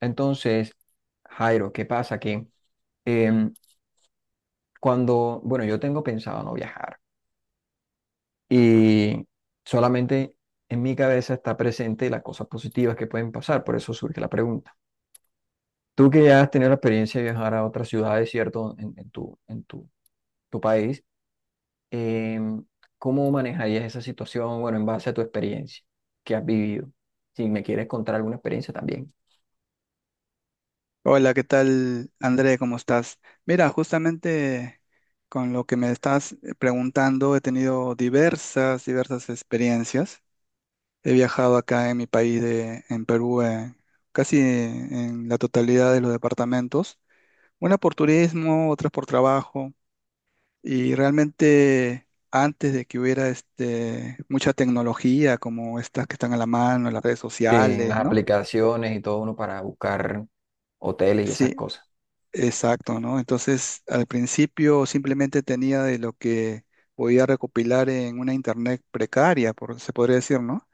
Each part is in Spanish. Entonces, Jairo, ¿qué pasa? Que em, cuando, bueno, yo tengo pensado no viajar y solamente en mi cabeza está presente las cosas positivas que pueden pasar, por eso surge la pregunta. Tú que ya has tenido la experiencia de viajar a otras ciudades, ¿cierto? En tu tu país, em, ¿cómo manejarías esa situación, bueno, en base a tu experiencia que has vivido? Si me quieres contar alguna experiencia también, Hola, ¿qué tal, André? ¿Cómo estás? Mira, justamente con lo que me estás preguntando, he tenido diversas experiencias. He viajado acá en mi país, en Perú, casi en la totalidad de los departamentos, una por turismo, otras por trabajo, y realmente antes de que hubiera mucha tecnología como estas que están a la mano, las redes en las sociales, ¿no? aplicaciones y todo uno para buscar hoteles y esas Sí, cosas. exacto, ¿no? Entonces, al principio simplemente tenía de lo que podía recopilar en una internet precaria, por, se podría decir, ¿no?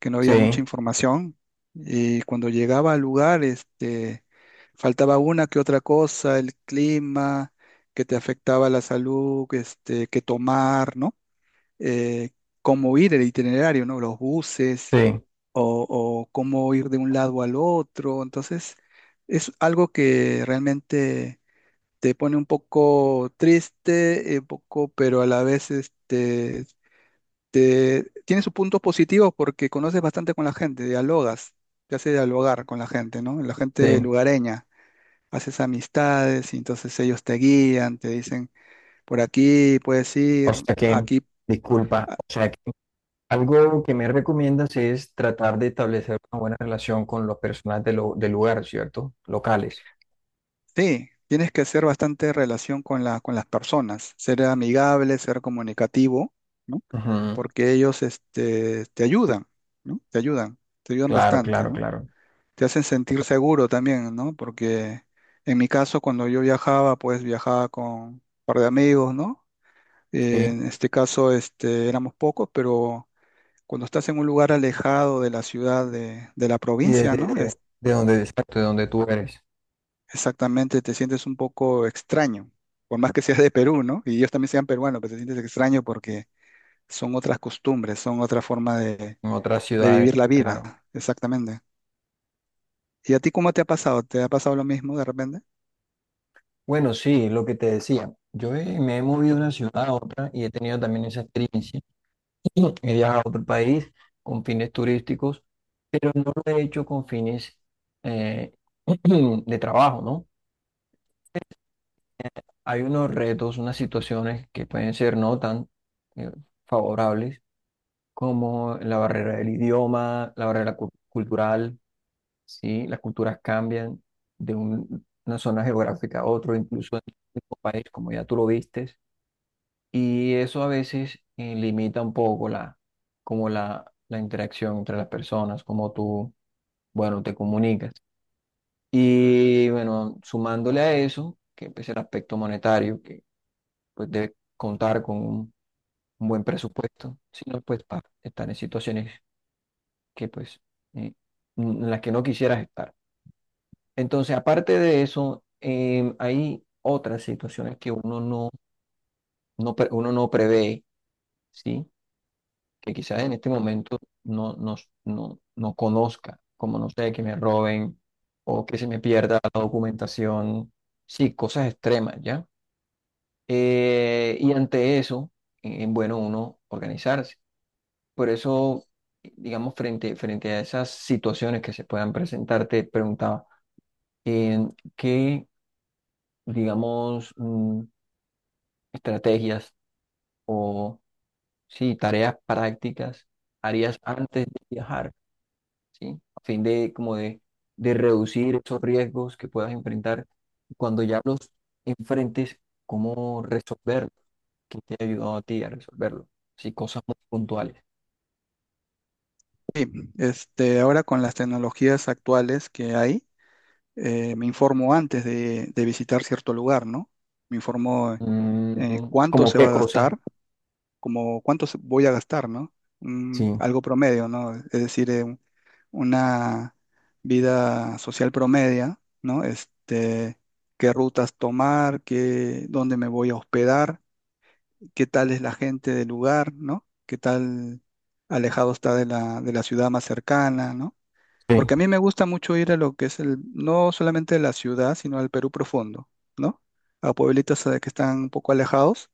Que no había mucha Sí. información. Y cuando llegaba al lugar, faltaba una que otra cosa, el clima, que te afectaba la salud, qué tomar, ¿no? Eh, cómo ir el itinerario, ¿no? Los buses Sí, o cómo ir de un lado al otro. Entonces, es algo que realmente te pone un poco triste, un poco, pero a la vez tiene sus puntos positivos porque conoces bastante con la gente, dialogas, te hace dialogar con la gente, ¿no? La gente sí. lugareña, haces amistades y entonces ellos te guían, te dicen, por aquí puedes O ir, sea que, aquí. disculpa, Ah, o sea que algo que me recomiendas es tratar de establecer una buena relación con los personas de lo- del lugar, ¿cierto? Locales. sí, tienes que hacer bastante relación con con las personas, ser amigable, ser comunicativo, ¿no? Ujú. Porque ellos te ayudan, ¿no? Te ayudan Claro, bastante, claro, ¿no? claro. Te hacen sentir seguro también, ¿no? Porque en mi caso, cuando yo viajaba, pues viajaba con un par de amigos, ¿no? Sí. En este caso, éramos pocos, pero cuando estás en un lugar alejado de la ciudad, de la Y provincia, desde ¿no? De donde, exacto, de donde tú eres, Exactamente, te sientes un poco extraño, por más que seas de Perú, ¿no? Y ellos también sean peruanos, pero te sientes extraño porque son otras costumbres, son otra forma en otras de vivir ciudades, la claro. vida, exactamente. ¿Y a ti cómo te ha pasado? ¿Te ha pasado lo mismo de repente? Bueno, sí, lo que te decía. Yo he- me he movido de una ciudad a otra y he tenido también esa experiencia. He viajado por el país con fines turísticos, pero no lo he hecho con fines eh, de trabajo, ¿no? Hay unos retos, unas situaciones que pueden ser no tan eh, favorables como la barrera del idioma, la barrera cu- cultural, ¿sí? Las culturas cambian de un- una zona geográfica a otra, incluso en el mismo país, como ya tú lo viste. Y eso a veces limita un poco la, como la interacción entre las personas, como tú, bueno, te comunicas. Y bueno, sumándole a eso, que es el aspecto monetario, que pues debe contar con un buen presupuesto, si no, pues para estar en situaciones que pues eh, en las que no quisieras estar. Entonces, aparte de eso, hay otras situaciones que uno no, no, pre- uno no prevé, ¿sí? Que quizás en este momento no, no, no, no conozca, como no sé, que me roben o que se me pierda la documentación, sí, cosas extremas, ¿ya? Y ante eso, es bueno uno organizarse. Por eso, digamos, frente, frente a esas situaciones que se puedan presentar, te preguntaba, eh, ¿qué, digamos, estrategias o, sí, tareas prácticas harías antes de viajar? ¿Sí? A fin de, como de reducir esos riesgos que puedas enfrentar. Cuando ya los enfrentes, ¿cómo resolverlos? ¿Qué te ha ayudado a ti a resolverlo? Sí, cosas muy puntuales. Este, ahora con las tecnologías actuales que hay, me informo antes de visitar cierto lugar, ¿no? Me informo Mm, cuánto ¿cómo se va qué a cosa? gastar, como cuánto voy a gastar, ¿no? Sí, Algo promedio, ¿no? Es decir, una vida social promedia, ¿no? Este, qué rutas tomar, qué, dónde me voy a hospedar, qué tal es la gente del lugar, ¿no? Qué tal alejado está de de la ciudad más cercana, ¿no? sí, Porque a mí me gusta mucho ir a lo que es el, no solamente la ciudad, sino al Perú profundo, ¿no? A pueblitos que están un poco alejados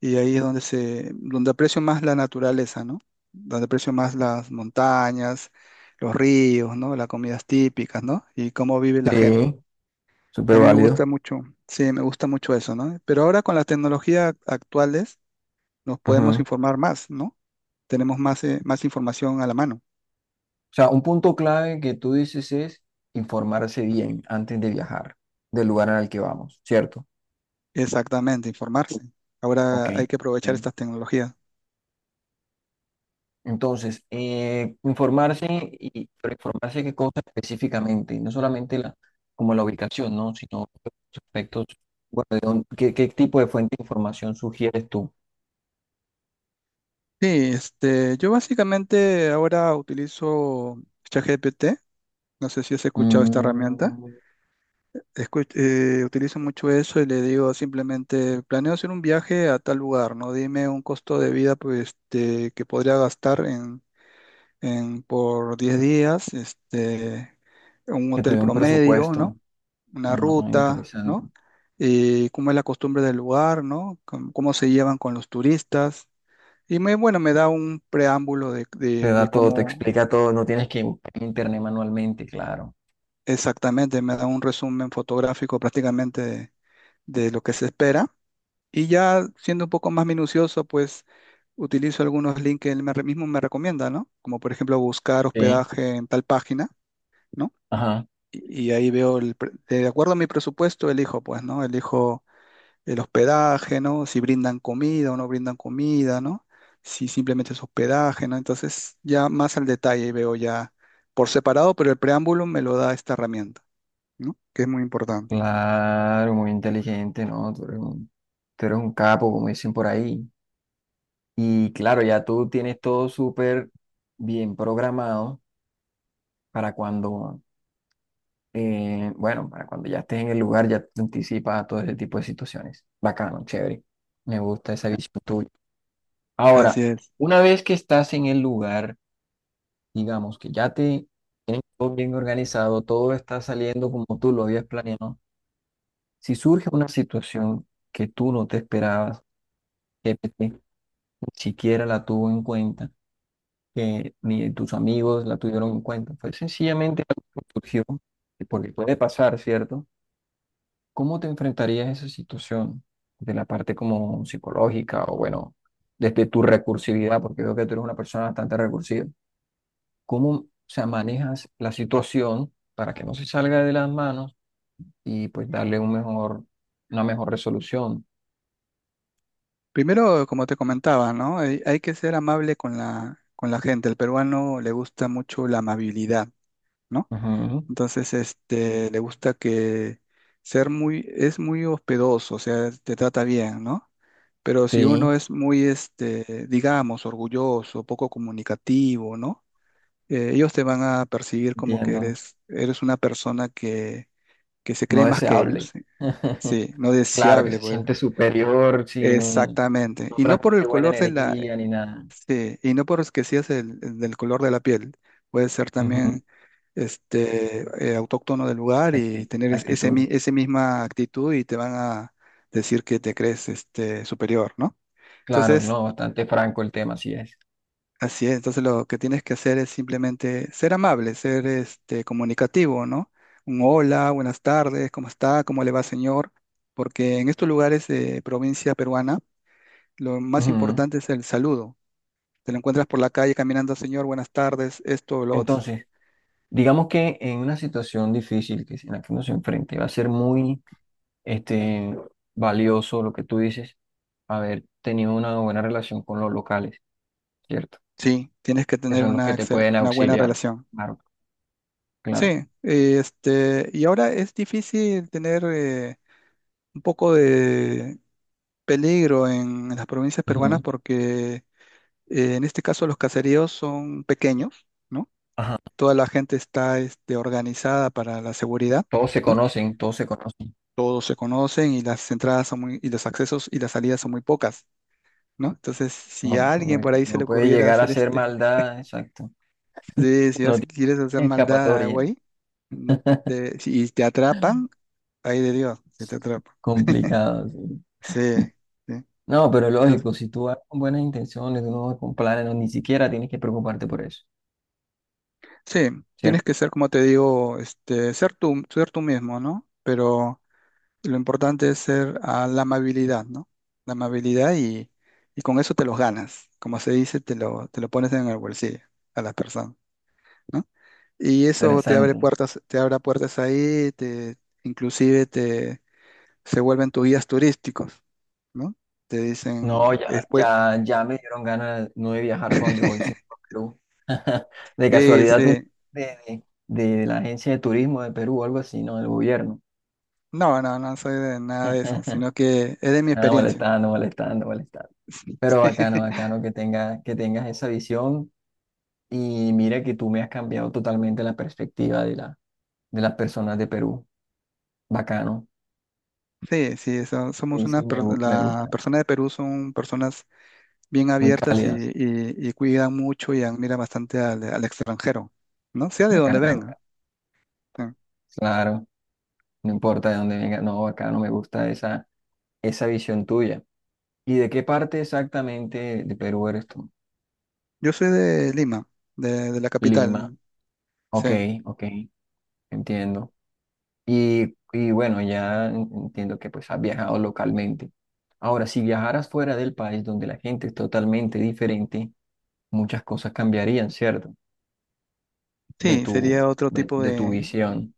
y ahí es donde se, donde aprecio más la naturaleza, ¿no? Donde aprecio más las montañas, los ríos, ¿no? Las comidas típicas, ¿no? Y cómo vive la gente. sí, A súper mí me válido. gusta mucho, sí, me gusta mucho eso, ¿no? Pero ahora con la tecnología actuales nos podemos Ajá. informar más, ¿no? Tenemos más, más información a la mano. O sea, un punto clave que tú dices es informarse bien antes de viajar del lugar al que vamos, ¿cierto? Exactamente, informarse. Ok, Ahora hay que aprovechar sí. estas tecnologías. Entonces, informarse y pero informarse qué cosa específicamente, no solamente la, como la ubicación, ¿no? Sino los aspectos, bueno, de dónde- qué, ¿qué tipo de fuente de información sugieres tú? Sí, este, yo básicamente ahora utilizo ChatGPT. No sé si has escuchado esta herramienta. Mm, Utilizo mucho eso y le digo simplemente, planeo hacer un viaje a tal lugar, ¿no? Dime un costo de vida pues, que podría gastar en por 10 días, un que te hotel dé un promedio, ¿no? presupuesto. Una Ah, ruta, interesante. ¿no? Cómo es la costumbre del lugar, ¿no? Cómo se llevan con los turistas. Y me, bueno, me da un preámbulo de, Te de da todo, te cómo explica todo, no tienes que buscar en internet manualmente, claro. exactamente, me da un resumen fotográfico prácticamente de lo que se espera. Y ya siendo un poco más minucioso, pues utilizo algunos links que él me, mismo me recomienda, ¿no? Como por ejemplo buscar Sí. hospedaje en tal página, ¿no? Ajá. Y ahí veo, el de acuerdo a mi presupuesto, elijo, pues, ¿no? Elijo el hospedaje, ¿no? Si brindan comida o no brindan comida, ¿no? Si simplemente es hospedaje, ¿no? Entonces, ya más al detalle veo ya por separado, pero el preámbulo me lo da esta herramienta, ¿no? Que es muy importante. Claro, muy inteligente, ¿no? Tú eres un capo, como dicen por ahí. Y claro, ya tú tienes todo súper bien programado para cuando, bueno, para cuando ya estés en el lugar, ya te anticipas a todo ese tipo de situaciones. Bacano, chévere. Me gusta esa visión tuya. Ahora, Así es. una vez que estás en el lugar, digamos que ya te todo bien organizado, todo está saliendo como tú lo habías planeado, si surge una situación que tú no te esperabas, que PT ni siquiera la tuvo en cuenta, que ni tus amigos la tuvieron en cuenta. Fue sencillamente algo que surgió, y porque puede pasar, ¿cierto? ¿Cómo te enfrentarías a esa situación de la parte como psicológica o bueno, desde tu recursividad, porque veo que tú eres una persona bastante recursiva? ¿Cómo, se manejas la situación para que no se salga de las manos y pues darle un mejor, una mejor resolución? Primero, como te comentaba, ¿no? Hay que ser amable con con la gente. El peruano le gusta mucho la amabilidad, ¿no? Ujú. Entonces, le gusta que ser muy, es muy hospedoso, o sea, te trata bien, ¿no? Pero si uno Sí, es muy, este, digamos, orgulloso, poco comunicativo, ¿no? Ellos te van a percibir como que entiendo. Eres una persona que se No cree más que ellos. deseable. Sí, sí, no Claro, que deseable, se pues. siente superior, si no, Exactamente. no Y no por transmite el buena color de la, energía ni nada. sí, y no por es que seas el del color de la piel. Puede ser Ujú. también este autóctono del lugar y Acti- tener ese, actitud. Ese misma actitud y te van a decir que te crees este superior, ¿no? Claro, Entonces, no, bastante franco el tema, así es. así es, entonces lo que tienes que hacer es simplemente ser amable, ser este comunicativo, ¿no? Un hola, buenas tardes, ¿cómo está? ¿Cómo le va, señor? Porque en estos lugares de provincia peruana, lo más Ujú. importante es el saludo. Te lo encuentras por la calle caminando, señor, buenas tardes, esto o lo otro. Entonces, digamos que en una situación difícil que, en la que uno se enfrente, va a ser muy este, valioso lo que tú dices, haber tenido una buena relación con los locales, ¿cierto? Sí, tienes que Que tener son los que te pueden una buena auxiliar. relación. Claro, claro. Sí, este, y ahora es difícil tener un poco de peligro en las provincias peruanas Ujú. porque en este caso, los caseríos son pequeños, ¿no? Ajá. Toda la gente está este, organizada para la seguridad, Todos se ¿no? conocen, todos se conocen. Todos se conocen y las entradas son muy, y los accesos y las salidas son muy pocas, ¿no? Entonces, si a Lógico, alguien por lógico. ahí se le No puede ocurriera llegar a hacer ser este, maldad, exacto. sí, si, No quieres hacer tiene maldad, escapatoria. güey, mm, y te atrapan, ahí de Dios, si te atrapan. Complicado, sí. Sí, sí. No, pero Entonces, lógico, si tú vas con buenas intenciones, tú no vas con planes, no, ni siquiera tienes que preocuparte por eso. sí, ¿Cierto? tienes que ser, como te digo, este, ser tú mismo, ¿no? Pero lo importante es ser a la amabilidad, ¿no? La amabilidad y con eso te los ganas. Como se dice, te lo pones en el bolsillo a las personas, ¿no? Y eso Interesante. Te abre puertas ahí, te, inclusive te, se vuelven tus guías turísticos, ¿no? Te No, dicen ya, después, ya, ya me dieron ganas no de viajar para donde voy, sino para Perú. De sí, casualidad, tú sí. De la agencia de turismo de Perú o algo así, ¿no? Del gobierno. No, no, no soy de nada de eso, sino que es de mi Ah, experiencia. molestando, molestando, molestando. Pero bacano, bacano que tenga, que tengas esa visión. Y mira que tú me has cambiado totalmente la perspectiva de la, de las personas de Perú. Bacano. Sí, sí, somos Sí, una, sí, me, gu- me la gusta. persona de Perú son personas bien Muy abiertas y, cálidas. Y cuidan mucho y admiran bastante al extranjero, ¿no? Sea de donde Bacano, venga. bacano. Sí. Claro, no importa de dónde venga. No, bacano, me gusta esa, esa visión tuya. ¿Y de qué parte exactamente de Perú eres tú? Yo soy de Lima, de la Lima. capital, sí. Ok, ok, entiendo. Y bueno, ya en- entiendo que pues has viajado localmente. Ahora, si viajaras fuera del país donde la gente es totalmente diferente, muchas cosas cambiarían, ¿cierto? De Sí, tu, sería otro tipo de tu de, visión,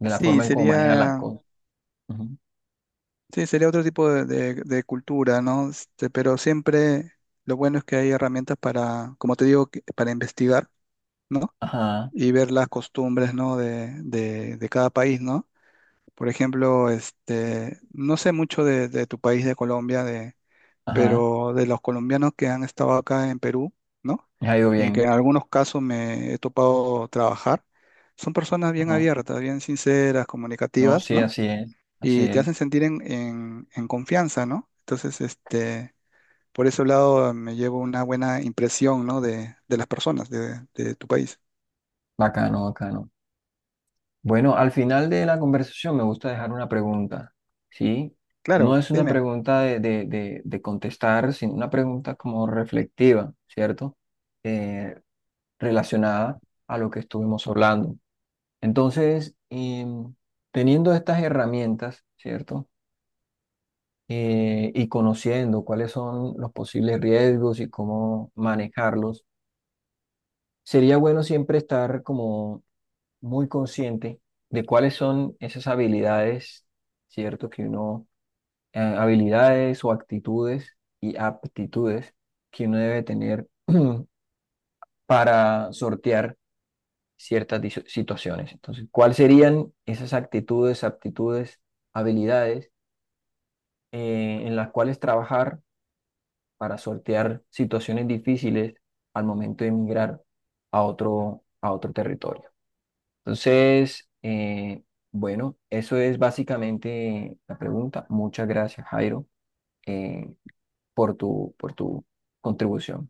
de la sí, forma en cómo manejas las sería, cosas. Ujú. sí, sería otro tipo de, de cultura, ¿no? Este, pero siempre lo bueno es que hay herramientas para, como te digo, para investigar, ¿no? Ajá, Y ver las costumbres, ¿no? De cada país, ¿no? Por ejemplo, este, no sé mucho de tu país, de Colombia, ajá, pero de los colombianos que han estado acá en Perú, ¿no? me ha ido Y que en bien. algunos casos me he topado trabajar, son personas bien Ajá. abiertas, bien sinceras, No, comunicativas, sí, ¿no? así es, así Y te es. hacen sentir en, en confianza, ¿no? Entonces, este, por ese lado me llevo una buena impresión, ¿no? De las personas de tu país. Bacano, bacano. Bueno, al final de la conversación me gusta dejar una pregunta, ¿sí? No Claro, es una dime. pregunta de contestar, sino una pregunta como reflectiva, ¿cierto? Eh, Relacionada a lo que estuvimos hablando. Entonces, em, teniendo estas herramientas, ¿cierto? Y conociendo cuáles son los posibles riesgos y cómo manejarlos, sería bueno siempre estar como muy consciente de cuáles son esas habilidades, ¿cierto? Que uno, habilidades o actitudes y aptitudes que uno debe tener para sortear ciertas diso- situaciones. Entonces, ¿cuáles serían esas actitudes, aptitudes, habilidades en las cuales trabajar? Para sortear situaciones difíciles al momento de emigrar a otro territorio. Entonces, bueno, eso es básicamente la pregunta. Muchas gracias, Jairo, eh, por tu contribución.